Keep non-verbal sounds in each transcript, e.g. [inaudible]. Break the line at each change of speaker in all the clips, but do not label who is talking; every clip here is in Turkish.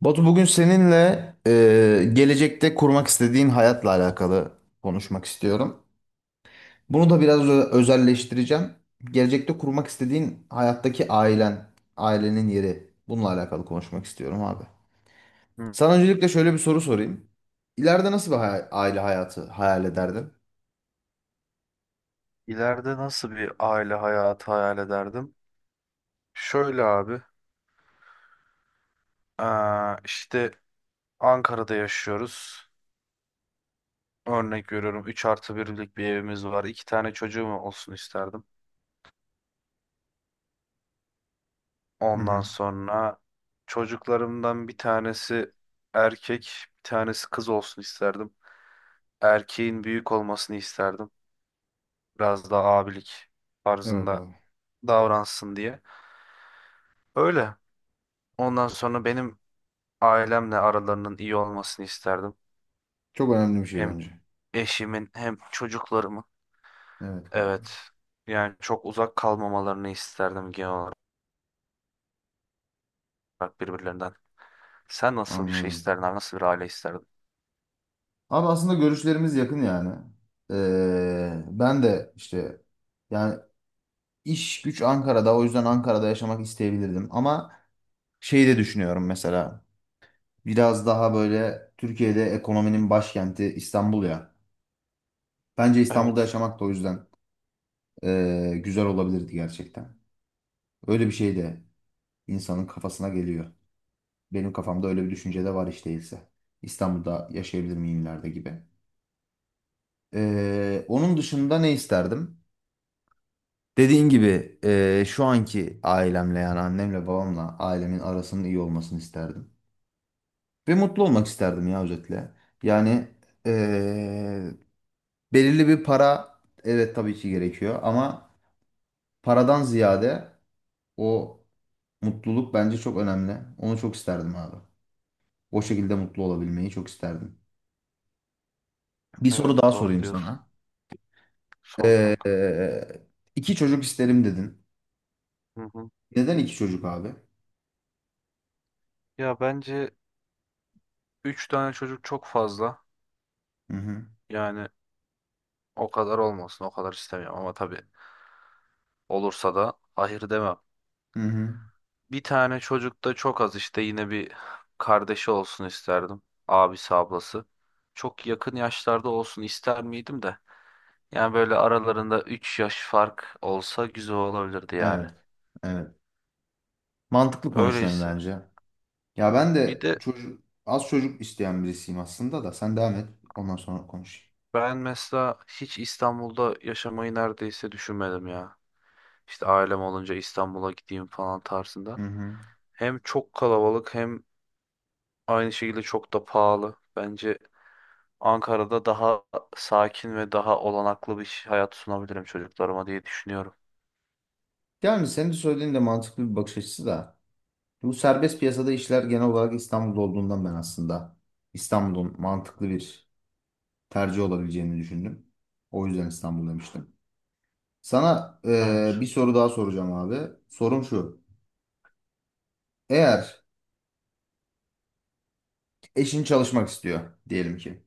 Batu bugün seninle gelecekte kurmak istediğin hayatla alakalı konuşmak istiyorum. Bunu da biraz özelleştireceğim. Gelecekte kurmak istediğin hayattaki ailen, ailenin yeri. Bununla alakalı konuşmak istiyorum abi.
Hı.
Sana öncelikle şöyle bir soru sorayım. İleride nasıl bir aile hayatı hayal ederdin?
İleride nasıl bir aile hayatı hayal ederdim? Şöyle abi, işte Ankara'da yaşıyoruz. Örnek veriyorum, 3 artı birlik bir evimiz var. İki tane çocuğum olsun isterdim.
Hı
Ondan
hı.
sonra çocuklarımdan bir tanesi erkek, bir tanesi kız olsun isterdim. Erkeğin büyük olmasını isterdim. Biraz daha abilik
Evet
tarzında
abi.
davransın diye. Öyle. Ondan sonra benim ailemle aralarının iyi olmasını isterdim.
Çok önemli bir şey
Hem
bence.
eşimin hem çocuklarımın,
Evet kanka.
evet, yani çok uzak kalmamalarını isterdim genel olarak birbirlerinden. Sen nasıl bir şey
Anladım.
isterdin abi? Nasıl bir aile isterdin?
Abi aslında görüşlerimiz yakın yani. Ben de işte yani İş güç Ankara'da. O yüzden Ankara'da yaşamak isteyebilirdim. Ama şeyi de düşünüyorum mesela. Biraz daha böyle Türkiye'de ekonominin başkenti İstanbul ya. Bence İstanbul'da
Evet.
yaşamak da o yüzden güzel olabilirdi gerçekten. Öyle bir şey de insanın kafasına geliyor. Benim kafamda öyle bir düşünce de var hiç değilse. İstanbul'da yaşayabilir miyim ileride gibi. Onun dışında ne isterdim? Dediğin gibi şu anki ailemle yani annemle babamla ailemin arasının iyi olmasını isterdim. Ve mutlu olmak isterdim ya özetle. Yani eee, belirli bir para evet tabii ki gerekiyor ama paradan ziyade o mutluluk bence çok önemli. Onu çok isterdim abi. O şekilde mutlu olabilmeyi çok isterdim. Bir soru
Evet,
daha
doğru
sorayım
diyorsun.
sana.
Sor kanka.
Eee iki çocuk isterim dedin.
Hı hı.
Neden iki çocuk abi?
Ya bence 3 tane çocuk çok fazla.
Hı hı.
Yani o kadar olmasın, o kadar istemiyorum ama tabii olursa da hayır demem.
Hı hı.
Bir tane çocuk da çok az, işte yine bir kardeşi olsun isterdim. Abisi ablası. Çok yakın yaşlarda olsun ister miydim de. Yani böyle aralarında 3 yaş fark olsa güzel olabilirdi yani.
Evet, evet. Mantıklı konuşuyorsun
Öyleyse.
bence. Ya ben
Bir
de
de
çocuk az çocuk isteyen birisiyim aslında da sen devam et ondan sonra konuşayım.
ben mesela hiç İstanbul'da yaşamayı neredeyse düşünmedim ya. İşte ailem olunca İstanbul'a gideyim falan tarzında.
Hı hı.
Hem çok kalabalık hem aynı şekilde çok da pahalı. Bence Ankara'da daha sakin ve daha olanaklı bir hayat sunabilirim çocuklarıma diye düşünüyorum.
Yani senin de söylediğin de mantıklı bir bakış açısı da bu serbest piyasada işler genel olarak İstanbul'da olduğundan ben aslında İstanbul'un mantıklı bir tercih olabileceğini düşündüm. O yüzden İstanbul demiştim. Sana
Evet.
bir soru daha soracağım abi. Sorum şu. Eğer eşin çalışmak istiyor diyelim ki.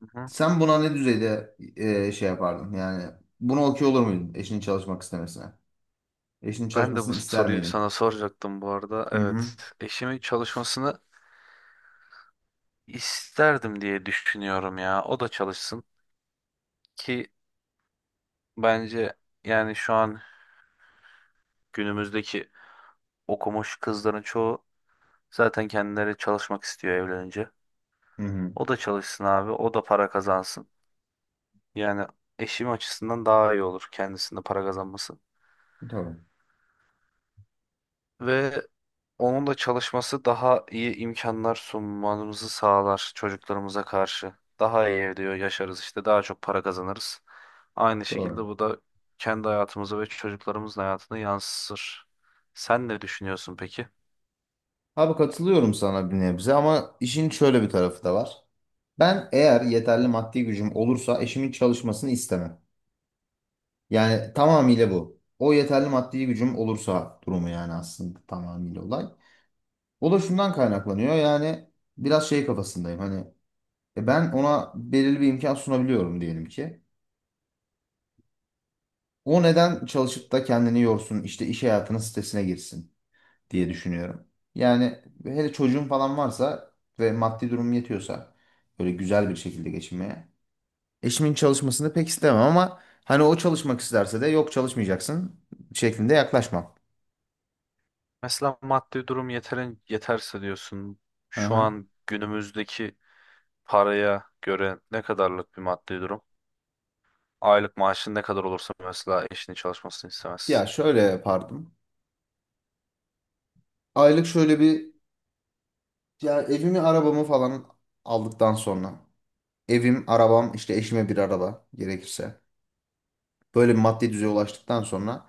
Hı hı.
Sen buna ne düzeyde şey yapardın? Yani bunu okey olur muydun eşinin çalışmak istemesine? Eşinin
Ben de bu
çalışmasını ister
soruyu
miydin?
sana soracaktım bu arada.
Hı hı.
Evet. Eşimin çalışmasını İsterdim diye düşünüyorum ya. O da çalışsın ki, bence, yani şu an günümüzdeki okumuş kızların çoğu zaten kendileri çalışmak istiyor evlenince.
Hı hı.
O da çalışsın abi, o da para kazansın. Yani eşim açısından daha iyi olur kendisinde para kazanması.
Tamam.
Ve onun da çalışması daha iyi imkanlar sunmamızı sağlar çocuklarımıza karşı. Daha iyi diyor yaşarız, işte daha çok para kazanırız. Aynı şekilde
Doğru.
bu da kendi hayatımıza ve çocuklarımızın hayatını yansır. Sen ne düşünüyorsun peki?
Abi katılıyorum sana bir nebze ama işin şöyle bir tarafı da var. Ben eğer yeterli maddi gücüm olursa eşimin çalışmasını istemem. Yani tamamıyla bu. O yeterli maddi gücüm olursa durumu yani aslında tamamıyla olay. O da şundan kaynaklanıyor yani biraz şey kafasındayım hani ben ona belirli bir imkan sunabiliyorum diyelim ki. O neden çalışıp da kendini yorsun işte iş hayatının stresine girsin diye düşünüyorum. Yani hele çocuğum falan varsa ve maddi durumum yetiyorsa böyle güzel bir şekilde geçinmeye. Eşimin çalışmasını pek istemem ama hani o çalışmak isterse de yok çalışmayacaksın şeklinde yaklaşmam.
Mesela maddi durum yeterin yeterse diyorsun. Şu
Aha.
an günümüzdeki paraya göre ne kadarlık bir maddi durum? Aylık maaşın ne kadar olursa mesela eşinin çalışmasını
Ya
istemezsin.
şöyle yapardım. Aylık şöyle bir ya evimi arabamı falan aldıktan sonra evim arabam işte eşime bir araba gerekirse böyle bir maddi düzeye ulaştıktan sonra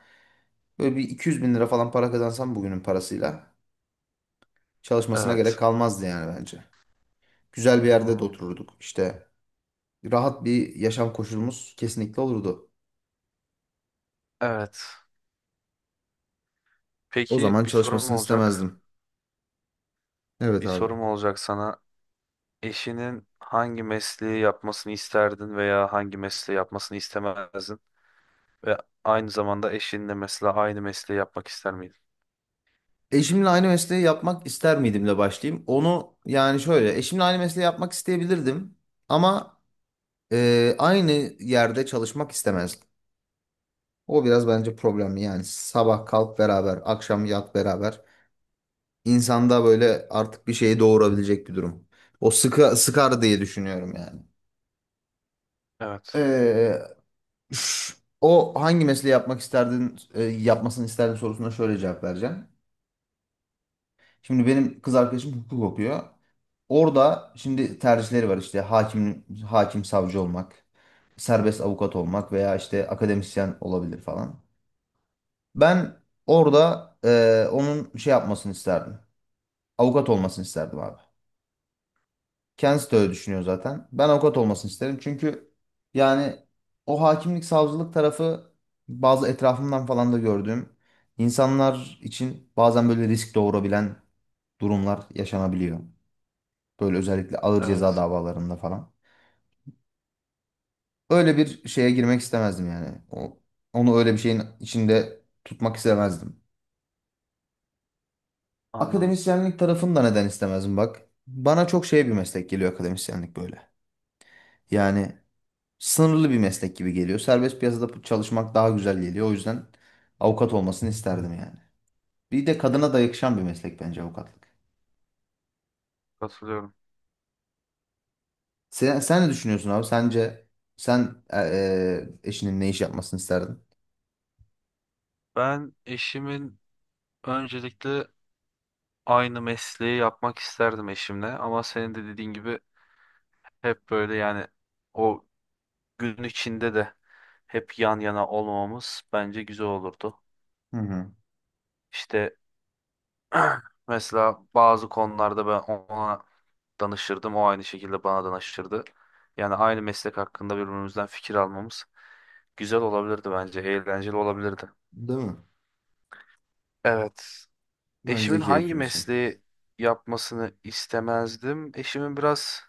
böyle bir 200 bin lira falan para kazansam bugünün parasıyla çalışmasına gerek
Evet.
kalmazdı yani bence. Güzel bir yerde de
Hmm.
otururduk. İşte rahat bir yaşam koşulumuz kesinlikle olurdu.
Evet.
O
Peki,
zaman
bir sorum
çalışmasını
olacak.
istemezdim. Evet
Bir
abi.
sorum olacak sana. Eşinin hangi mesleği yapmasını isterdin veya hangi mesleği yapmasını istemezdin? Ve aynı zamanda eşinle mesela aynı mesleği yapmak ister miydin?
Eşimle aynı mesleği yapmak ister miydimle başlayayım. Onu yani şöyle eşimle aynı mesleği yapmak isteyebilirdim ama aynı yerde çalışmak istemezdim. O biraz bence problemli yani sabah kalk beraber akşam yat beraber insanda böyle artık bir şeyi doğurabilecek bir durum. O sıkar diye düşünüyorum yani.
Evet,
Ee, O hangi mesleği yapmak isterdin, yapmasını isterdin sorusuna şöyle cevap vereceğim. Şimdi benim kız arkadaşım hukuk okuyor. Orada şimdi tercihleri var işte hakim, hakim savcı olmak, serbest avukat olmak veya işte akademisyen olabilir falan. Ben orada onun şey yapmasını isterdim. Avukat olmasını isterdim abi. Kendisi de öyle düşünüyor zaten. Ben avukat olmasını isterim. Çünkü yani o hakimlik savcılık tarafı bazı etrafımdan falan da gördüğüm insanlar için bazen böyle risk doğurabilen durumlar yaşanabiliyor. Böyle özellikle ağır ceza
evet.
davalarında falan. Öyle bir şeye girmek istemezdim yani. Onu öyle bir şeyin içinde tutmak istemezdim.
Anladım.
Akademisyenlik tarafını da neden istemezdim bak. Bana çok şey bir meslek geliyor akademisyenlik böyle. Yani sınırlı bir meslek gibi geliyor. Serbest piyasada çalışmak daha güzel geliyor. O yüzden avukat olmasını isterdim yani. Bir de kadına da yakışan bir meslek bence avukatlık.
Katılıyorum.
Sen ne düşünüyorsun abi? Sence sen eşinin ne iş yapmasını isterdin?
Ben eşimin öncelikle aynı mesleği yapmak isterdim eşimle ama senin de dediğin gibi hep böyle, yani o gün içinde de hep yan yana olmamamız bence güzel olurdu.
Hı hı.
İşte [clears throat] mesela bazı konularda ben ona danışırdım. O aynı şekilde bana danışırdı. Yani aynı meslek hakkında birbirimizden fikir almamız güzel olabilirdi bence. Eğlenceli olabilirdi.
Değil mi?
Evet.
Bence
Eşimin
de
hangi
keyifli bir şey.
mesleği yapmasını istemezdim? Eşimin biraz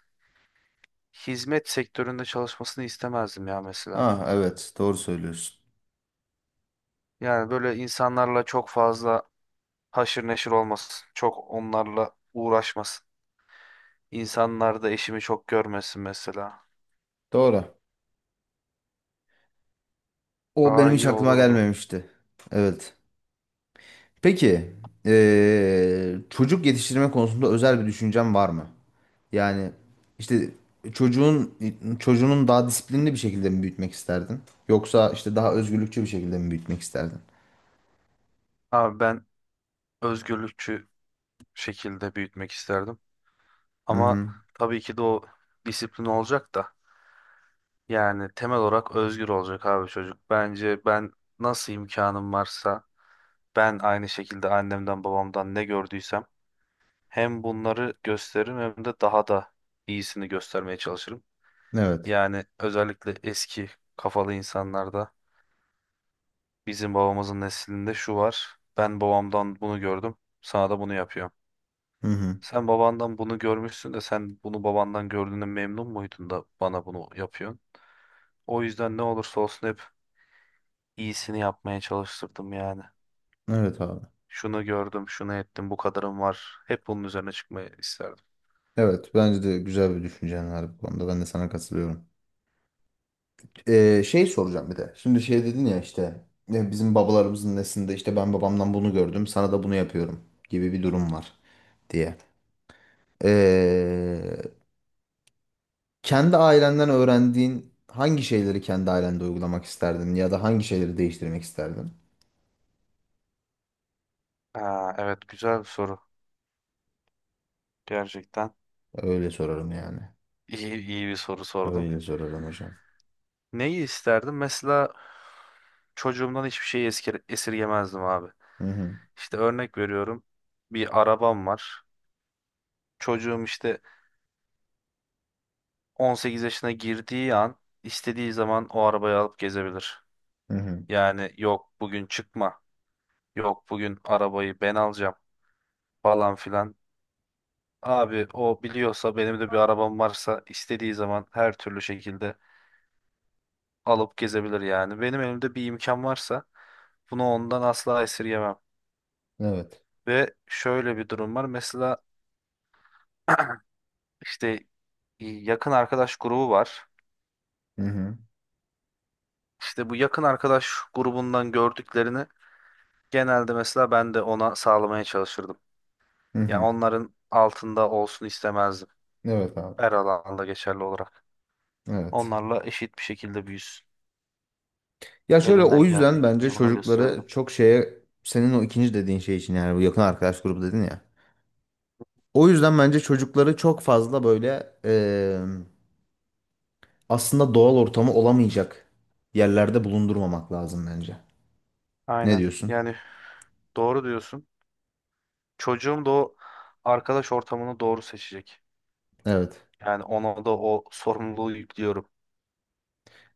hizmet sektöründe çalışmasını istemezdim ya mesela.
Ha evet doğru söylüyorsun.
Yani böyle insanlarla çok fazla haşır neşir olmasın. Çok onlarla uğraşmasın. İnsanlar da eşimi çok görmesin mesela.
Doğru. O
Daha
benim hiç
iyi
aklıma
olurdu.
gelmemişti. Evet. Peki çocuk yetiştirme konusunda özel bir düşüncen var mı? Yani işte çocuğun çocuğunun daha disiplinli bir şekilde mi büyütmek isterdin? Yoksa işte daha özgürlükçü bir şekilde mi büyütmek isterdin?
Abi ben özgürlükçü şekilde büyütmek isterdim.
Hı
Ama
hı.
tabii ki de o disiplin olacak da. Yani temel olarak özgür olacak abi çocuk. Bence ben nasıl imkanım varsa, ben aynı şekilde annemden babamdan ne gördüysem hem bunları gösteririm hem de daha da iyisini göstermeye çalışırım.
Evet.
Yani özellikle eski kafalı insanlarda, bizim babamızın neslinde şu var: ben babamdan bunu gördüm, sana da bunu yapıyorum.
Hı hı.
Sen babandan bunu görmüşsün de sen bunu babandan gördüğüne memnun muydun da bana bunu yapıyorsun? O yüzden ne olursa olsun hep iyisini yapmaya çalıştırdım yani.
Evet abi.
Şunu gördüm, şunu ettim, bu kadarım var. Hep bunun üzerine çıkmayı isterdim.
Evet bence de güzel bir düşüncen var bu konuda. Ben de sana katılıyorum. Şey soracağım bir de. Şimdi şey dedin ya işte ya bizim babalarımızın neslinde işte ben babamdan bunu gördüm sana da bunu yapıyorum gibi bir durum var diye. Ee, Kendi ailenden öğrendiğin hangi şeyleri kendi ailende uygulamak isterdin ya da hangi şeyleri değiştirmek isterdin?
Ha, evet, güzel bir soru. Gerçekten
Öyle sorarım yani.
iyi bir soru sordun.
Öyle sorarım hocam.
Neyi isterdim? Mesela çocuğumdan hiçbir şeyi esirgemezdim abi.
Hı hı.
İşte örnek veriyorum. Bir arabam var. Çocuğum işte 18 yaşına girdiği an istediği zaman o arabayı alıp gezebilir.
Hı hı.
Yani yok bugün çıkma, yok bugün arabayı ben alacağım falan filan. Abi o biliyorsa benim de bir arabam varsa istediği zaman her türlü şekilde alıp gezebilir yani. Benim elimde bir imkan varsa bunu ondan asla esirgemem.
Evet.
Ve şöyle bir durum var. Mesela [clears throat] işte yakın arkadaş grubu var.
Hı hı.
İşte bu yakın arkadaş grubundan gördüklerini genelde mesela ben de ona sağlamaya çalışırdım.
Hı
Ya
hı.
onların altında olsun istemezdim.
Evet abi.
Her alanda geçerli olarak.
Evet.
Onlarla eşit bir şekilde büyüsün.
Ya şöyle o
Elimden
yüzden bence
geldiğince bunları gösterirdim.
çocukları çok şeye senin o ikinci dediğin şey için yani bu yakın arkadaş grubu dedin ya. O yüzden bence çocukları çok fazla böyle aslında doğal ortamı olamayacak yerlerde bulundurmamak lazım bence. Ne
Aynen.
diyorsun?
Yani doğru diyorsun. Çocuğum da o arkadaş ortamını doğru seçecek.
Evet.
Yani ona da o sorumluluğu yüklüyorum.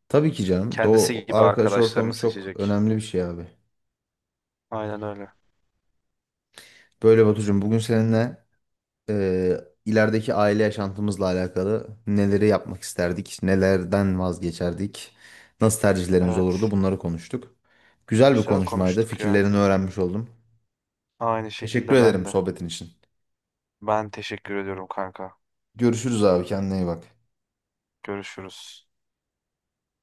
Tabii ki canım. O
Kendisi gibi
arkadaş
arkadaşlarını
ortamı çok
seçecek.
önemli bir şey abi.
Aynen öyle.
Böyle Batucuğum bugün seninle e, ilerideki aile yaşantımızla alakalı neleri yapmak isterdik, nelerden vazgeçerdik, nasıl tercihlerimiz
Evet.
olurdu bunları konuştuk. Güzel bir
Güzel
konuşmaydı.
konuştuk ya.
Fikirlerini öğrenmiş oldum.
Aynı
Teşekkür
şekilde
ederim
ben de.
sohbetin için.
Ben teşekkür ediyorum kanka.
Görüşürüz abi kendine iyi bak.
Görüşürüz.